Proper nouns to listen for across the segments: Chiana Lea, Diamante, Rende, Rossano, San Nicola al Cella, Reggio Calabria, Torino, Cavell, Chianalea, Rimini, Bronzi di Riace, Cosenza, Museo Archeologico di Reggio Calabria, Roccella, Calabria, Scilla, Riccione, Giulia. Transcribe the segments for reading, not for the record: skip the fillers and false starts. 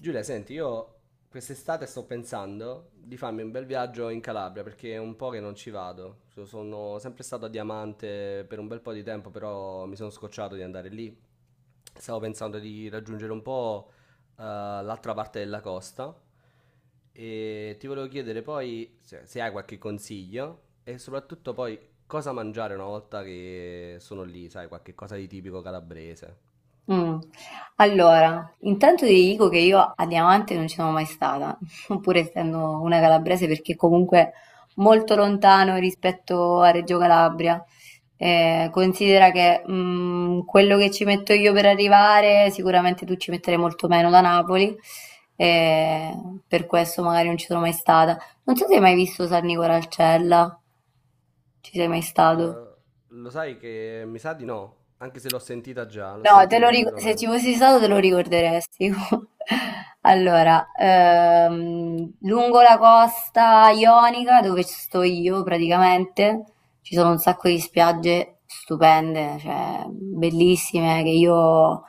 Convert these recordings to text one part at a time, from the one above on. Giulia, senti, io quest'estate sto pensando di farmi un bel viaggio in Calabria perché è un po' che non ci vado. Sono sempre stato a Diamante per un bel po' di tempo, però mi sono scocciato di andare lì. Stavo pensando di raggiungere un po' l'altra parte della costa e ti volevo chiedere poi se hai qualche consiglio e soprattutto poi cosa mangiare una volta che sono lì, sai, qualche cosa di tipico calabrese. Mh. Allora, intanto ti dico che io a Diamante non ci sono mai stata, pur essendo una calabrese, perché comunque molto lontano rispetto a Reggio Calabria. Considera che quello che ci metto io per arrivare, sicuramente tu ci metterai molto meno da Napoli, eh, per questo magari non ci sono mai stata. Non so se hai mai visto San Nicola al Cella, ci sei mai stato? Eh, lo sai che mi sa di no, anche se l'ho sentita già, l'ho No, sentita se ci sicuramente. fossi stato te lo ricorderesti. Allora, lungo la costa ionica, dove ci sto io praticamente, ci sono un sacco di spiagge stupende, cioè bellissime, che io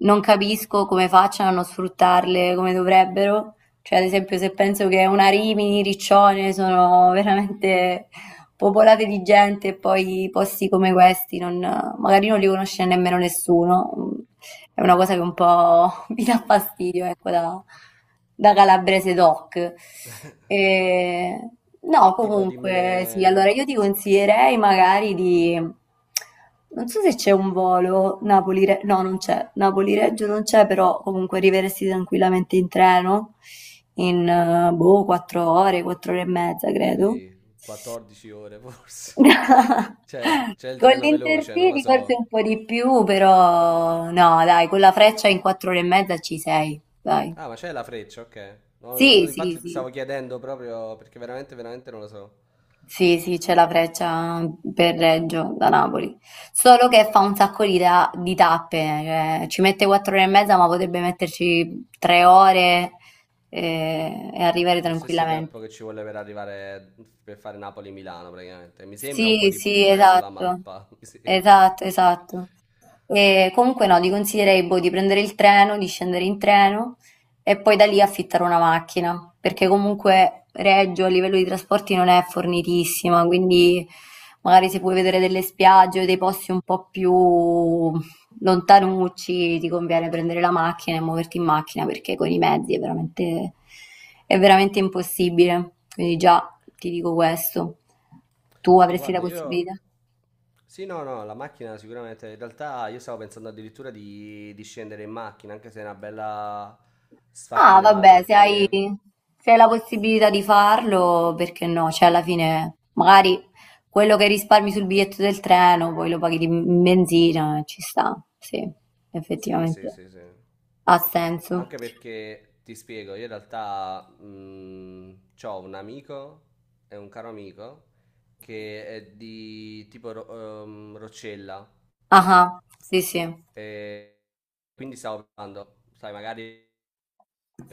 non capisco come facciano a non sfruttarle come dovrebbero. Cioè, ad esempio, se penso che una Rimini, Riccione sono veramente popolate di gente e poi posti come questi magari non li conosce nemmeno nessuno. È una cosa che un po' mi dà fastidio, ecco, da calabrese doc. E, no, Tipo dimmene comunque, sì, allora io ti consiglierei magari di. Non so se c'è un volo Napoli-Reggio, no, non c'è, Napoli-Reggio non c'è, però comunque arriveresti tranquillamente in treno in boh, 4 ore e mezza, credo. sì, 14 ore forse. C'è il Con treno veloce, non lo l'Intercity forse so. un po' di più, però no, dai, con la freccia in 4 ore e mezza ci sei, dai. Ah, ma c'è la freccia, ok. No, no, Sì, no, sì, infatti sì, stavo chiedendo proprio perché veramente, veramente non lo so. sì, sì, c'è la freccia per Reggio da Napoli, solo che fa un sacco di tappe, cioè, ci mette 4 ore e mezza, ma potrebbe metterci 3 ore e arrivare È lo stesso tempo tranquillamente. che ci vuole per arrivare per fare Napoli-Milano praticamente. Mi sembra un po' Sì, di sì, più, sulla esatto, mappa, mi sembra. esatto, esatto. E comunque no, ti consiglierei boh, di prendere il treno, di scendere in treno e poi da lì affittare una macchina, perché comunque Reggio a livello di trasporti non è fornitissima, quindi magari se puoi vedere delle spiagge o dei posti un po' più lontanucci, ti conviene prendere la macchina e muoverti in macchina, perché con i mezzi è veramente impossibile. Quindi già ti dico questo. Tu Sì, avresti la guarda, io... possibilità? Sì, no, no, la macchina sicuramente. In realtà io stavo pensando addirittura di scendere in macchina, anche se è una bella Ah, sfacchinata, vabbè, se hai, perché... se hai la possibilità di farlo, perché no? Cioè, alla fine, magari quello che risparmi sul biglietto del treno, poi lo paghi di in benzina, ci sta. Sì, Sì, sì, effettivamente. sì, sì. Ha senso. Anche perché, ti spiego, io in realtà ho un amico, è un caro amico, che è di tipo Roccella. Ah, ah, sì, sì. E quindi stavo provando, sai, magari,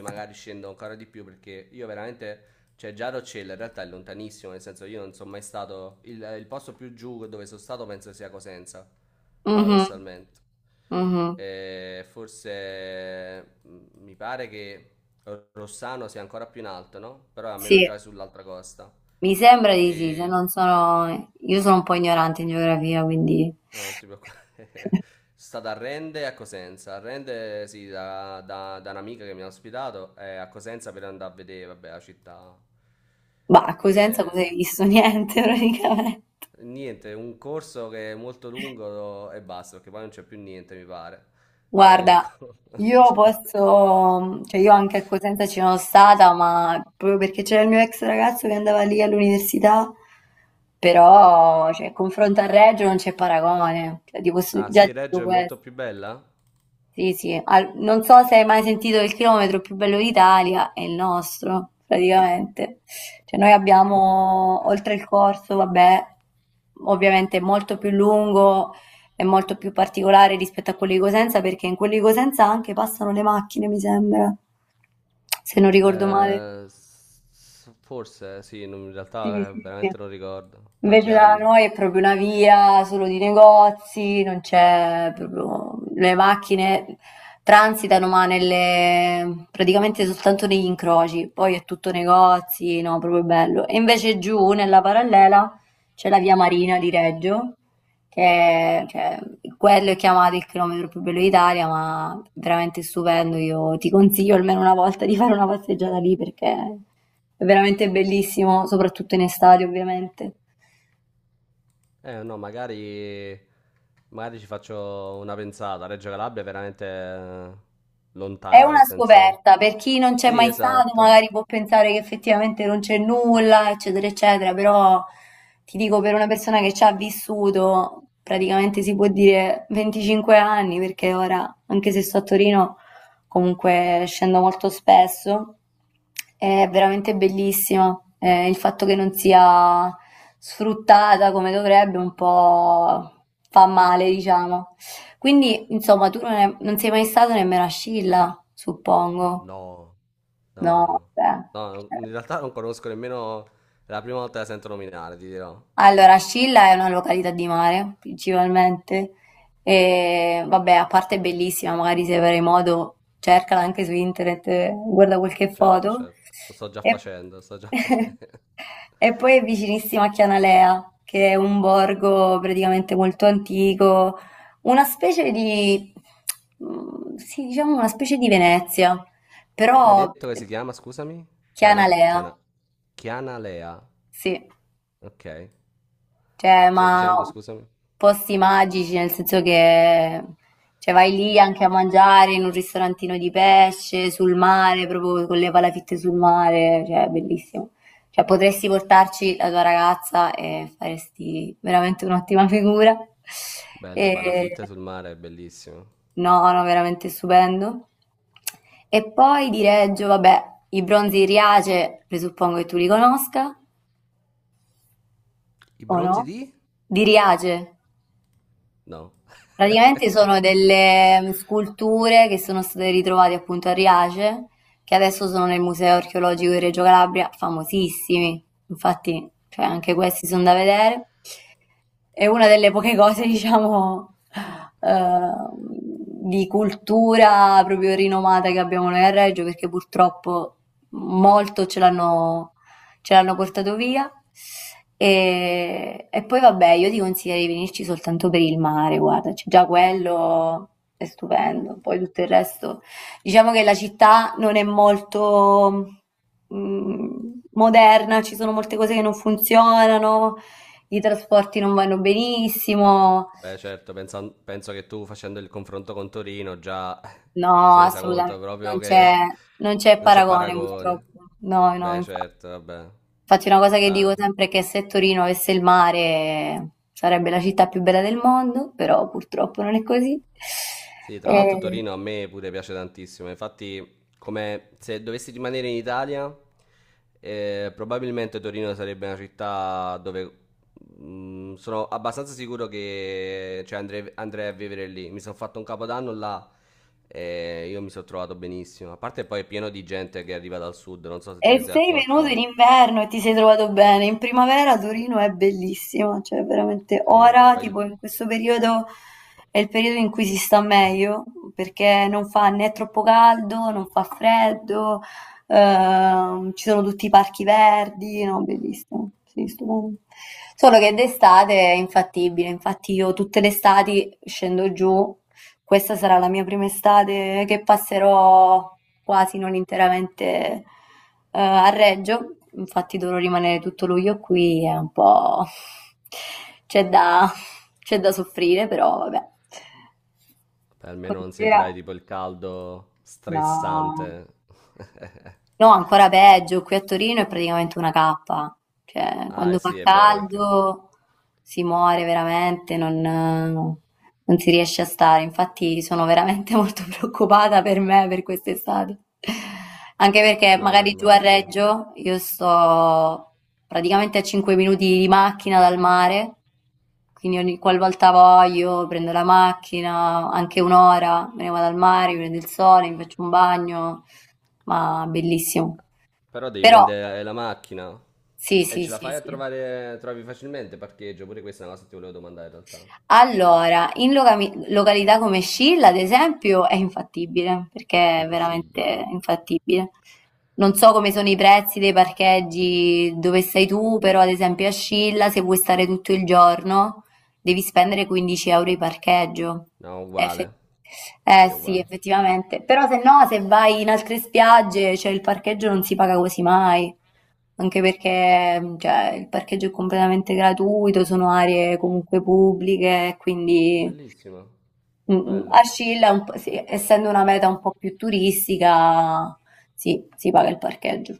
magari scendo ancora di più perché io veramente, cioè già Roccella in realtà è lontanissimo, nel senso io non sono mai stato, il posto più giù dove sono stato penso sia Cosenza, Mhm, paradossalmente. mhm. E forse mi pare che Rossano sia ancora più in alto, no? Però è almeno Sì, già è sull'altra costa. mi sembra di sì, se E non sono. Io sono un po' ignorante in geografia, quindi. ah, ti preoccupare. Sta da Rende e a Cosenza. A Rende, sì, da un'amica che mi ha ospitato, e a Cosenza per andare a vedere, vabbè, la città. Bah, a Cosenza E... cosa hai visto? Niente, praticamente. Niente, un corso che è molto lungo e basta, perché poi non c'è più niente, mi pare. Cioè, Guarda, io cioè... posso, cioè io anche a Cosenza ci sono stata, ma proprio perché c'era il mio ex ragazzo che andava lì all'università, però, cioè, confronto a Reggio non c'è paragone, cioè, ti posso Ah, già sì, dire Reggio è molto questo. più bella? Sì, sì, non so se hai mai sentito il chilometro più bello d'Italia, è il nostro, praticamente. Cioè noi abbiamo, oltre il corso, vabbè, ovviamente è molto più lungo e molto più particolare rispetto a quello di Cosenza, perché in quello di Cosenza anche passano le macchine, mi sembra, se non ricordo male. Forse, sì, in Sì, realtà sì, sì. veramente non ricordo. Tanti Invece da anni. noi è proprio una via solo di negozi, non c'è proprio. Le macchine transitano ma nelle, praticamente soltanto negli incroci, poi è tutto negozi, no, proprio bello. E invece giù nella parallela c'è la via Marina di Reggio, cioè, quello è chiamato il chilometro più bello d'Italia, ma veramente stupendo, io ti consiglio almeno una volta di fare una passeggiata lì perché è veramente bellissimo, soprattutto in estate ovviamente. Eh no, magari, magari ci faccio una pensata. Reggio Calabria è veramente È lontana, nel una senso... scoperta, per chi non c'è Sì, mai stato esatto. magari può pensare che effettivamente non c'è nulla, eccetera, eccetera, però ti dico per una persona che ci ha vissuto praticamente si può dire 25 anni, perché ora, anche se sto a Torino, comunque scendo molto spesso, è veramente bellissima. Il fatto che non sia sfruttata come dovrebbe un po' fa male, diciamo. Quindi, insomma, tu non sei mai stato nemmeno a Scilla, suppongo. No, no, No, no. vabbè. No, Cioè. in realtà non conosco nemmeno... È la prima volta che la sento nominare, ti dirò. Allora, Scilla è una località di mare, principalmente. E vabbè, a parte è bellissima, magari se avrai modo, cercala anche su internet, guarda qualche Certo, foto. certo. Lo sto già E, facendo, lo sto già facendo. e poi è vicinissima a Chianalea, che è un borgo praticamente molto antico, una specie di, sì, diciamo una specie di Venezia, Come hai però detto che si chiama, scusami? Chiana, Chianalea, Chiana, Chiana Lea. sì. Ok. Cioè, Stavi ma dicendo, scusami? posti magici, nel senso che cioè, vai lì anche a mangiare in un ristorantino di pesce, sul mare, proprio con le palafitte sul mare, cioè, è bellissimo. Cioè, potresti portarci la tua ragazza e faresti veramente un'ottima figura. Bello, le E- palafitte sul mare, è bellissimo. no, no, veramente stupendo. E poi di Reggio, vabbè, i bronzi di Riace, presuppongo che tu li conosca, I o bronzi no? di? Di Riace. No, Praticamente sono delle sculture che sono state ritrovate appunto a Riace, che adesso sono nel Museo Archeologico di Reggio Calabria, famosissimi. Infatti, cioè, anche questi sono da vedere. È una delle poche anche cose, questo. diciamo, eh, di cultura proprio rinomata che abbiamo noi a Reggio, perché purtroppo molto ce l'hanno portato via. E poi vabbè, io ti consiglio di venirci soltanto per il mare, guarda, c'è già quello è stupendo, poi tutto il resto. Diciamo che la città non è molto mm, moderna, ci sono molte cose che non funzionano, i trasporti non vanno benissimo, Beh, certo, penso che tu facendo il confronto con Torino già no, si è resa conto assolutamente, proprio non c'è che non c'è non c'è paragone paragone. purtroppo. No, no, Beh, infatti. certo, vabbè. Infatti una cosa che Ah. dico sempre è che se Torino avesse il mare sarebbe la città più bella del mondo, però purtroppo non è così. Sì, tra l'altro E Torino a me pure piace tantissimo, infatti come se dovessi rimanere in Italia, probabilmente Torino sarebbe una città dove mm, sono abbastanza sicuro che cioè, andrei a vivere lì. Mi sono fatto un capodanno là e io mi sono trovato benissimo. A parte poi è pieno di gente che arriva dal sud, non so se te E ne sei sei accorta, venuto in ma inverno e ti sei trovato bene. In primavera Torino è bellissima, cioè veramente sì, ora, tipo in questo periodo è il periodo in cui si sta meglio, perché non fa né troppo caldo, non fa freddo, ci sono tutti i parchi verdi, no, bellissimo, sì, stupendo. Solo che d'estate è infattibile, infatti io tutte le estati scendo giù. Questa sarà la mia prima estate che passerò quasi non interamente, a Reggio, infatti dovrò rimanere tutto luglio qui, è un po'. c'è da... c'è da soffrire, però vabbè. beh, almeno non Considera. sentirai tipo il caldo No. stressante. No, ancora peggio, qui a Torino è praticamente una cappa, cioè Ah, quando fa sì, è vero perché... caldo si muore veramente, non si riesce a stare, infatti sono veramente molto preoccupata per me per quest'estate, anche perché No, magari giù a immagino. Reggio io sto praticamente a 5 minuti di macchina dal mare, quindi ogni qualvolta voglio prendo la macchina, anche un'ora, me ne vado al mare, mi prendo il sole, mi faccio un bagno, ma bellissimo. Però devi Però, prendere la macchina. sì, E sì, ce la sì, fai a sì. trovare, trovi facilmente parcheggio? Pure questa è una cosa che ti volevo domandare in realtà. Allora, in località come Scilla, ad esempio, è infattibile, È perché è veramente impossibile. infattibile. Non so come sono i prezzi dei parcheggi dove sei tu, però ad esempio a Scilla, se vuoi stare tutto il giorno, devi spendere 15 euro di parcheggio. No, Effe- uguale. eh Sì, è sì, uguale. effettivamente. Però se no, se vai in altre spiagge, cioè il parcheggio non si paga quasi mai. Anche perché cioè, il parcheggio è completamente gratuito, sono aree comunque pubbliche, quindi Bellissimo. Bello. Ascilla, sì, essendo una meta un po' più turistica, sì, si paga il parcheggio.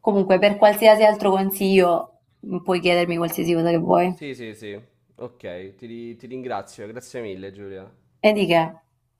Comunque, per qualsiasi altro consiglio, puoi chiedermi qualsiasi cosa che vuoi. Sì, sì, sì. Ok, ti ringrazio. Grazie mille, Giulia. E di che?